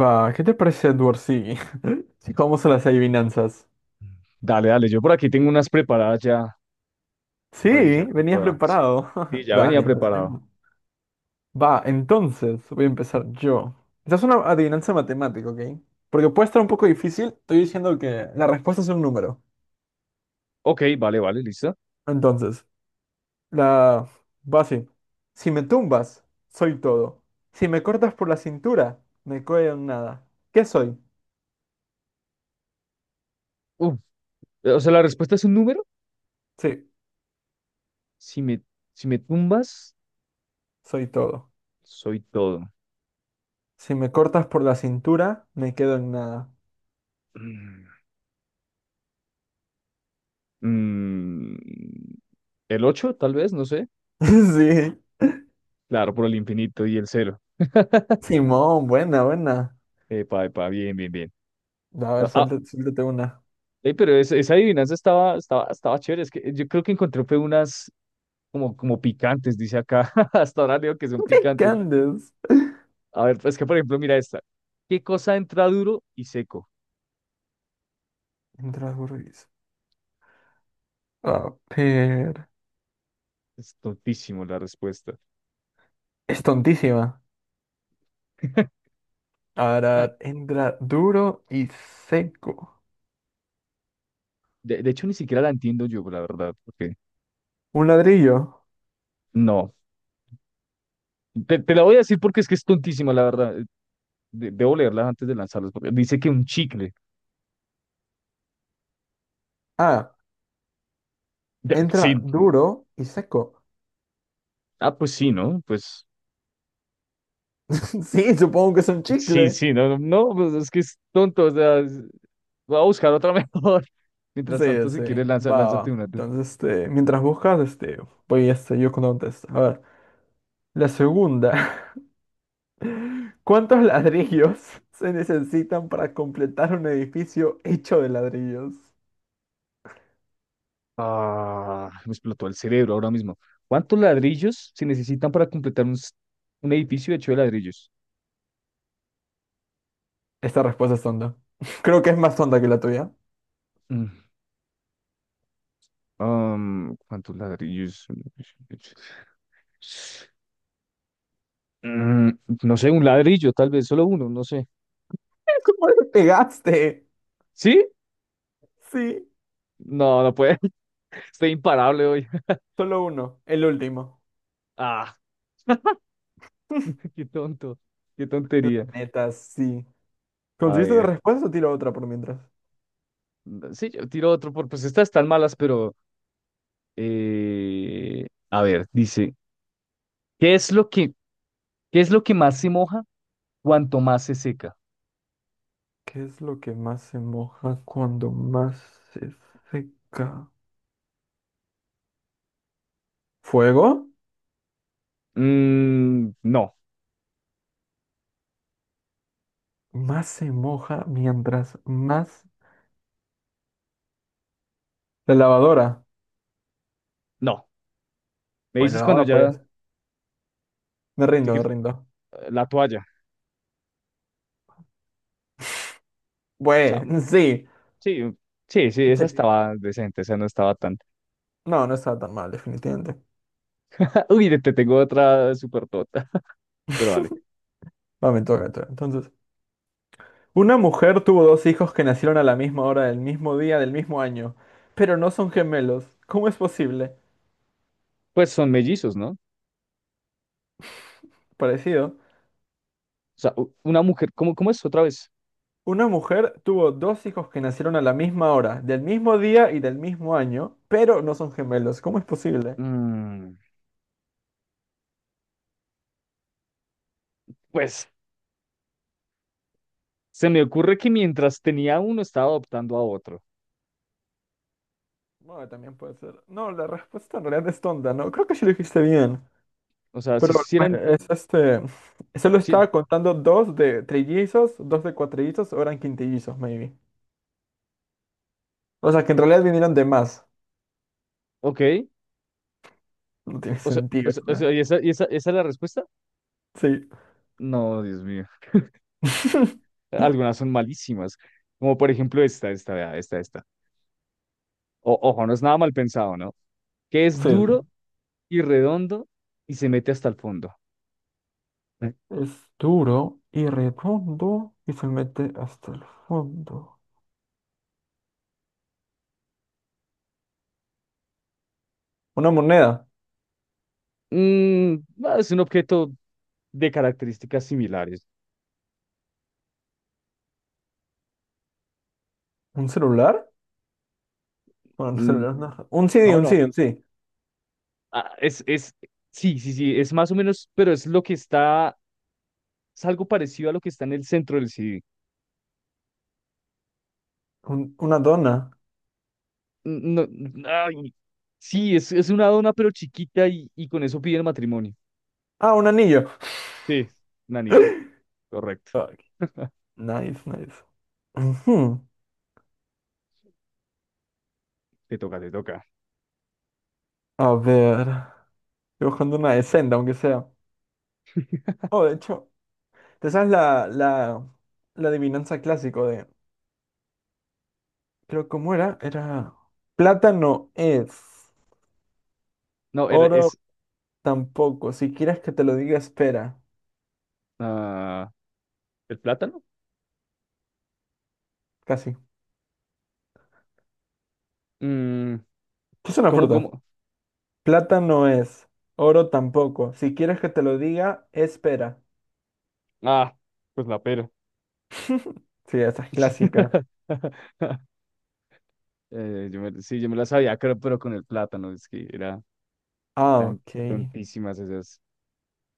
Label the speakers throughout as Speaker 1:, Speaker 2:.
Speaker 1: Va, ¿qué te parece Edward? Sí. Sí, ¿cómo son las adivinanzas?
Speaker 2: Dale, dale, yo por aquí tengo unas preparadas ya para iniciar
Speaker 1: Sí,
Speaker 2: con
Speaker 1: venías
Speaker 2: todas. Sí,
Speaker 1: preparado.
Speaker 2: sí, ya venía
Speaker 1: Dale,
Speaker 2: preparado.
Speaker 1: empecemos. Va, entonces voy a empezar yo. Esta es una adivinanza matemática, ¿ok? Porque puede estar un poco difícil. Estoy diciendo que la respuesta es un número.
Speaker 2: Ok, vale, vale, listo.
Speaker 1: Entonces, la va así. Si me tumbas, soy todo. Si me cortas por la cintura, me quedo en nada. ¿Qué soy?
Speaker 2: Uf, o sea, la respuesta es un número.
Speaker 1: Sí,
Speaker 2: Si me, si me tumbas,
Speaker 1: soy todo.
Speaker 2: soy todo.
Speaker 1: Si me cortas por la cintura, me quedo en nada.
Speaker 2: Mm, mm, el 8, tal vez, no sé.
Speaker 1: Sí.
Speaker 2: Claro, por el infinito y el cero.
Speaker 1: Simón, buena, buena.
Speaker 2: Epa, epa, bien, bien, bien.
Speaker 1: A ver,
Speaker 2: Ah, ah,
Speaker 1: suéltate, suéltate una.
Speaker 2: ey, pero esa adivinanza estaba chévere. Es que yo creo que encontré fue unas como picantes, dice acá. Hasta ahora leo que son
Speaker 1: ¿Qué
Speaker 2: picantes.
Speaker 1: andes?
Speaker 2: A ver, es que por ejemplo, mira esta. ¿Qué cosa entra duro y seco?
Speaker 1: Entra Burris. A ver.
Speaker 2: Es tontísimo la respuesta.
Speaker 1: Es tontísima. A ver, a
Speaker 2: Ah,
Speaker 1: ver. Entra duro y seco.
Speaker 2: de hecho, ni siquiera la entiendo yo, la verdad, porque
Speaker 1: Un ladrillo.
Speaker 2: no. Te la voy a decir porque es que es tontísima, la verdad. Debo leerla antes de lanzarlas, porque dice que un chicle.
Speaker 1: Ah,
Speaker 2: Ya, sí,
Speaker 1: entra duro y seco.
Speaker 2: pues sí, ¿no? Pues
Speaker 1: Sí, supongo que es un
Speaker 2: sí,
Speaker 1: chicle.
Speaker 2: sí, no, no, pues es que es tonto, o sea, voy a buscar otra mejor. Mientras
Speaker 1: Sí,
Speaker 2: tanto, si
Speaker 1: sí.
Speaker 2: quieres, lanza,
Speaker 1: Va,
Speaker 2: lánzate
Speaker 1: va.
Speaker 2: una tú.
Speaker 1: Entonces, mientras buscas, voy yo contesto. A ver. La segunda. ¿Cuántos ladrillos se necesitan para completar un edificio hecho de ladrillos?
Speaker 2: Ah, me explotó el cerebro ahora mismo. ¿Cuántos ladrillos se necesitan para completar un edificio hecho de ladrillos?
Speaker 1: Esta respuesta es tonta. Creo que es más tonta que la tuya.
Speaker 2: Mm, ¿Cuántos ladrillos? Mm, no sé, un ladrillo, tal vez, solo uno, no sé.
Speaker 1: ¿Cómo le pegaste?
Speaker 2: ¿Sí?
Speaker 1: Sí,
Speaker 2: No, no puede. Estoy imparable hoy.
Speaker 1: solo uno, el último.
Speaker 2: Ah, qué tonto, qué tontería.
Speaker 1: Neta, sí.
Speaker 2: A
Speaker 1: ¿Conseguiste la
Speaker 2: ver,
Speaker 1: respuesta o tiro otra por mientras?
Speaker 2: sí, yo tiro otro, pues estas están malas, pero a ver, dice, ¿qué es lo que, qué es lo que más se moja cuanto más se seca?
Speaker 1: ¿Qué es lo que más se moja cuando más se seca? ¿Fuego?
Speaker 2: Mm, no,
Speaker 1: Más se moja mientras más... La lavadora.
Speaker 2: no. Me
Speaker 1: Bueno, la
Speaker 2: dices cuando
Speaker 1: lavadora podía
Speaker 2: ya,
Speaker 1: ser. Me
Speaker 2: si
Speaker 1: rindo, me
Speaker 2: quieres,
Speaker 1: rindo.
Speaker 2: la toalla. O sea,
Speaker 1: Bueno, sí.
Speaker 2: sí, sí, sí, esa
Speaker 1: Sí.
Speaker 2: estaba decente, esa no estaba tan.
Speaker 1: No, no estaba tan mal, definitivamente.
Speaker 2: Uy, te tengo otra súper tota, pero vale.
Speaker 1: Va, me toca, me toca. Entonces, una mujer tuvo dos hijos que nacieron a la misma hora, del mismo día, del mismo año, pero no son gemelos. ¿Cómo es posible?
Speaker 2: Pues son mellizos, ¿no? O
Speaker 1: Parecido.
Speaker 2: sea, una mujer, ¿cómo es otra vez?
Speaker 1: Una mujer tuvo dos hijos que nacieron a la misma hora, del mismo día y del mismo año, pero no son gemelos. ¿Cómo es posible?
Speaker 2: Mm, pues se me ocurre que mientras tenía uno estaba adoptando a otro.
Speaker 1: Bueno, también puede ser. No, la respuesta en realidad es tonta, ¿no? Creo que sí lo dijiste bien.
Speaker 2: O sea, si
Speaker 1: Pero
Speaker 2: hicieran,
Speaker 1: es este. Solo
Speaker 2: sí,
Speaker 1: estaba contando dos de trillizos, dos de cuatrillizos, o eran quintillizos, maybe. O sea, que en realidad vinieron de más.
Speaker 2: ok.
Speaker 1: No tiene
Speaker 2: O sea, o
Speaker 1: sentido,
Speaker 2: sea, o
Speaker 1: ¿verdad?
Speaker 2: sea, ¿esa es la respuesta?
Speaker 1: Sí.
Speaker 2: No, Dios mío. Algunas son malísimas, como por ejemplo esta, esta, vea, esta, esta. Ojo, no es nada mal pensado, ¿no? Que es
Speaker 1: Sí,
Speaker 2: duro y redondo y se mete hasta el fondo.
Speaker 1: es duro y redondo y se mete hasta el fondo. ¿Una moneda?
Speaker 2: Mm, no, es un objeto de características similares.
Speaker 1: ¿Un celular? Bueno, un
Speaker 2: Mm,
Speaker 1: celular no. Un CD,
Speaker 2: no,
Speaker 1: un
Speaker 2: no.
Speaker 1: CD, un CD.
Speaker 2: Ah, sí, sí, sí, es más o menos, pero es lo que está, es algo parecido a lo que está en el centro del CD.
Speaker 1: Una dona.
Speaker 2: Mm, no, ay, sí, es una dona, pero chiquita y con eso piden matrimonio.
Speaker 1: Ah, un anillo.
Speaker 2: Sí, un anillo. Correcto.
Speaker 1: Ok, nice, nice. Ujú.
Speaker 2: Te toca, te toca.
Speaker 1: A ver. Estoy buscando una de Senda, aunque sea. Oh, de hecho, ¿te sabes la adivinanza clásico de... Creo cómo era plata no es,
Speaker 2: No,
Speaker 1: oro tampoco. Si quieres que te lo diga, espera.
Speaker 2: ah, el plátano.
Speaker 1: Casi.
Speaker 2: Mm,
Speaker 1: ¿Es una
Speaker 2: ¿Cómo,
Speaker 1: fruta?
Speaker 2: cómo?
Speaker 1: Plata no es, oro tampoco. Si quieres que te lo diga, espera.
Speaker 2: Ah, pues la pera.
Speaker 1: Sí, esa es clásica.
Speaker 2: Sí, yo me la sabía, creo, pero con el plátano, es que
Speaker 1: Ah,
Speaker 2: eran
Speaker 1: ok.
Speaker 2: tontísimas esas.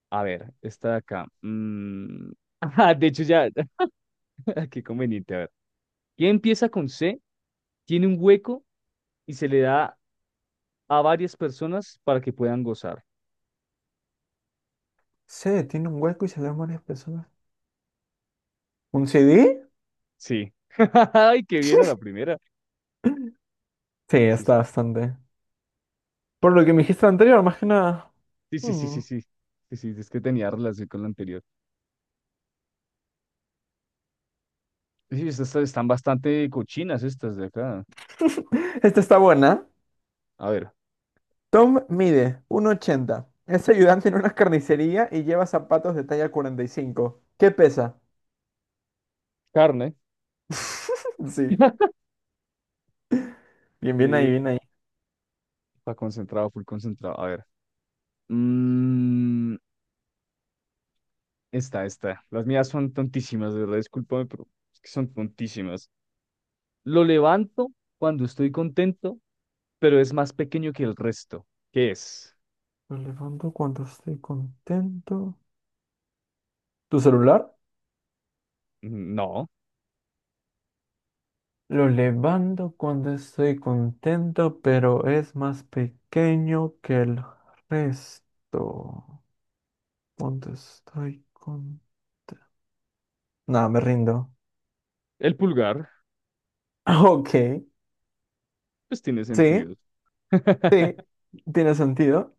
Speaker 2: A ver, esta de acá. Ajá, de hecho, ya, qué conveniente. A ver, ¿quién empieza con C? Tiene un hueco y se le da a varias personas para que puedan gozar.
Speaker 1: Sí, tiene un hueco y se le dan varias personas. ¿Un CD?
Speaker 2: Sí. Ay, qué bien a la primera.
Speaker 1: Sí,
Speaker 2: Sí,
Speaker 1: está bastante. Por lo que me dijiste anterior, más que nada.
Speaker 2: sí, sí, sí,
Speaker 1: Mm.
Speaker 2: sí. Sí, sí, sí, es que tenía relación con la anterior. Sí, estas están bastante cochinas estas de acá.
Speaker 1: Esta está buena.
Speaker 2: A ver,
Speaker 1: Tom mide 1,80. Es ayudante en una carnicería y lleva zapatos de talla 45. ¿Qué pesa?
Speaker 2: carne.
Speaker 1: Sí, bien, bien
Speaker 2: Eh,
Speaker 1: ahí, bien ahí.
Speaker 2: Está concentrado, full concentrado. A ver. Mm, esta, esta. Las mías son tontísimas, de verdad, discúlpame, pero es que son tontísimas. Lo levanto cuando estoy contento, pero es más pequeño que el resto. ¿Qué es?
Speaker 1: Lo levanto cuando estoy contento. ¿Tu celular?
Speaker 2: Mm, no.
Speaker 1: Lo levanto cuando estoy contento, pero es más pequeño que el resto. Cuando estoy contento. No, me rindo.
Speaker 2: El pulgar,
Speaker 1: Ok,
Speaker 2: pues tiene
Speaker 1: sí,
Speaker 2: sentido.
Speaker 1: sí, tiene sentido.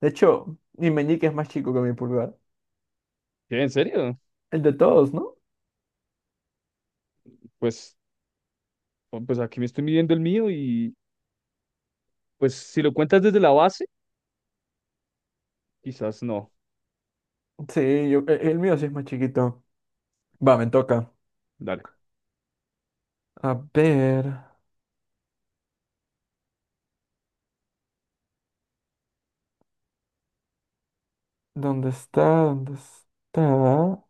Speaker 1: De hecho, mi meñique es más chico que mi pulgar.
Speaker 2: ¿Qué, en serio?
Speaker 1: El de todos, ¿no?
Speaker 2: Pues, oh, pues aquí me estoy midiendo el mío y pues si lo cuentas desde la base, quizás no.
Speaker 1: Sí, yo, el mío sí es más chiquito. Va, me toca.
Speaker 2: Dale.
Speaker 1: A ver, ¿dónde está? ¿Dónde está?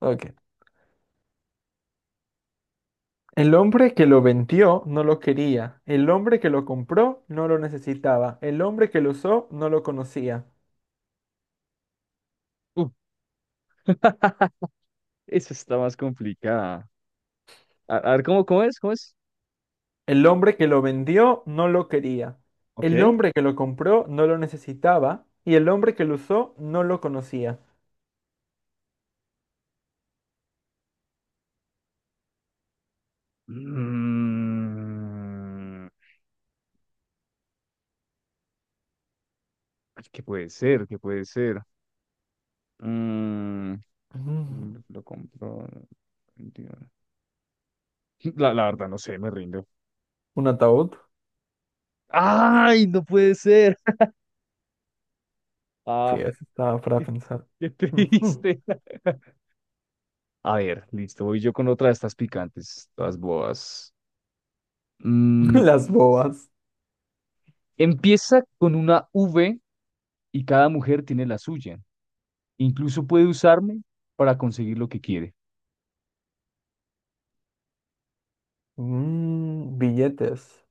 Speaker 1: Ok. El hombre que lo vendió no lo quería. El hombre que lo compró no lo necesitaba. El hombre que lo usó no lo conocía.
Speaker 2: Uf, esa está más complicada. A ver, ¿cómo es? ¿Cómo es?
Speaker 1: El hombre que lo vendió no lo quería.
Speaker 2: Ok.
Speaker 1: El hombre que lo compró no lo necesitaba. Y el hombre que lo usó no lo conocía.
Speaker 2: Mm, ay, ¿qué puede ser? ¿Qué puede ser? Mm,
Speaker 1: Mm,
Speaker 2: lo compro. 21. La verdad, no sé, me rindo.
Speaker 1: ¿un ataúd?
Speaker 2: ¡Ay, no puede ser!
Speaker 1: Sí,
Speaker 2: Ah,
Speaker 1: eso estaba para
Speaker 2: qué,
Speaker 1: pensar.
Speaker 2: qué
Speaker 1: Ujú.
Speaker 2: triste. A ver, listo, voy yo con otra de estas picantes, todas boas. Mm,
Speaker 1: Las bobas.
Speaker 2: Empieza con una V y cada mujer tiene la suya. Incluso puede usarme para conseguir lo que quiere.
Speaker 1: Mm, billetes.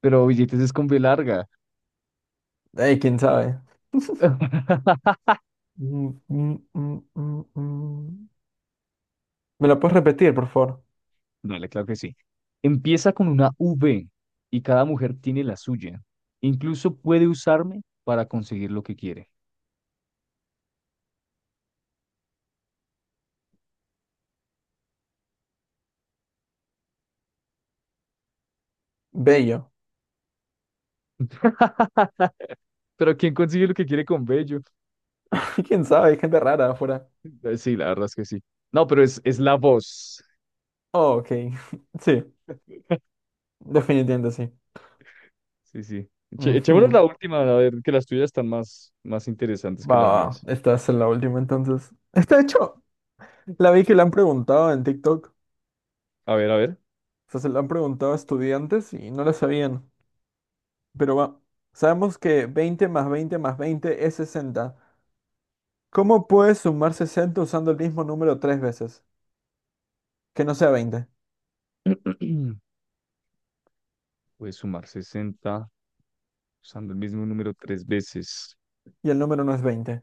Speaker 2: Pero billetes es con B larga.
Speaker 1: Ey, quién sabe. Mm, mm, mm, mm, mm. ¿Me la puedes repetir, por favor?
Speaker 2: No, claro que sí. Empieza con una V y cada mujer tiene la suya. Incluso puede usarme para conseguir lo que quiere.
Speaker 1: Bello.
Speaker 2: Pero ¿quién consigue lo que quiere con Bello?
Speaker 1: ¿Quién sabe? Hay gente rara afuera.
Speaker 2: Sí, la verdad es que sí. No, pero es la voz.
Speaker 1: Oh, ok. Sí, definitivamente sí.
Speaker 2: Sí, sí. Echémonos
Speaker 1: Ujú.
Speaker 2: la última, a ver, que las tuyas están más, más interesantes que
Speaker 1: Va,
Speaker 2: las
Speaker 1: va,
Speaker 2: mías.
Speaker 1: esta es la última entonces. Está hecho. La vi que la han preguntado en TikTok.
Speaker 2: A ver, a ver.
Speaker 1: O sea, se la han preguntado a estudiantes y no la sabían. Pero va. Sabemos que 20 más 20 más 20 es 60. ¿Cómo puedes sumar 60 usando el mismo número tres veces? Que no sea 20.
Speaker 2: Puedes sumar 60 usando el mismo número tres veces.
Speaker 1: Y el número no es 20.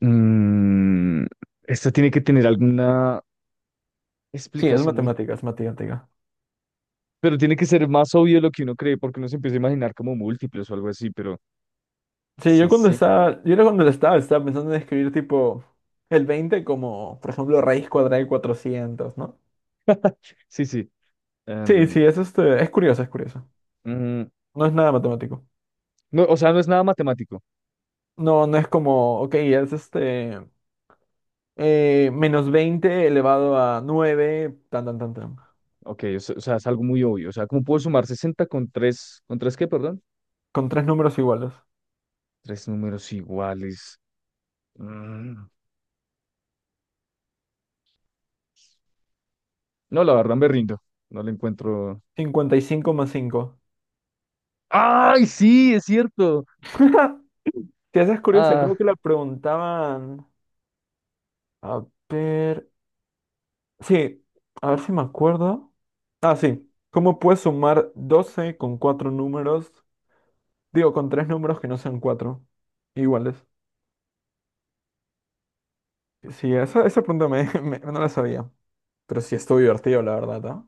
Speaker 2: Mm, Esta tiene que tener alguna
Speaker 1: Sí, es
Speaker 2: explicación muy...
Speaker 1: matemática, es matemática.
Speaker 2: Pero tiene que ser más obvio de lo que uno cree, porque uno se empieza a imaginar como múltiples o algo así, pero
Speaker 1: Sí, yo
Speaker 2: sí,
Speaker 1: cuando
Speaker 2: sí,
Speaker 1: estaba, yo era cuando estaba, estaba pensando en escribir tipo el 20 como, por ejemplo, raíz cuadrada de 400, ¿no?
Speaker 2: sí, sí.
Speaker 1: Sí,
Speaker 2: Em,
Speaker 1: sí, es este, es curioso, es curioso.
Speaker 2: mm,
Speaker 1: No es nada matemático.
Speaker 2: no, o sea, no es nada matemático.
Speaker 1: No, no es como, ok, menos 20 elevado a 9, tan, tan, tan, tan.
Speaker 2: Ok, o sea, es algo muy obvio. O sea, ¿cómo puedo sumar 60 con 3 qué, perdón?
Speaker 1: Con tres números iguales.
Speaker 2: Tres números iguales. Mm. No, la verdad me rindo. No le encuentro.
Speaker 1: 55 más 5.
Speaker 2: ¡Ay, sí, es cierto!
Speaker 1: Sí, esa es curiosa, creo
Speaker 2: Ah,
Speaker 1: que la preguntaban. A ver. Sí, a ver si me acuerdo. Ah, sí. ¿Cómo puedes sumar 12 con cuatro números? Digo, con tres números que no sean cuatro iguales. Sí, esa pregunta me, me- no la sabía. Pero sí estuvo divertido, la verdad, ¿ah?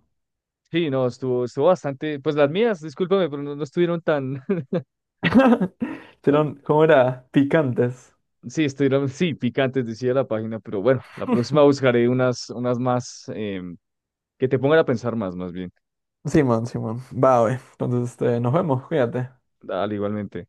Speaker 2: sí, no, estuvo bastante. Pues las mías, discúlpame, pero no, no estuvieron tan.
Speaker 1: Si ¿no?
Speaker 2: la-
Speaker 1: Serán, ¿cómo era? Picantes.
Speaker 2: Sí, estuvieron, sí, picantes, decía la página, pero bueno, la próxima buscaré unas más que te pongan a pensar más bien.
Speaker 1: Simón, Simón. Va, güey. Entonces, este, nos vemos, cuídate.
Speaker 2: Dale, igualmente.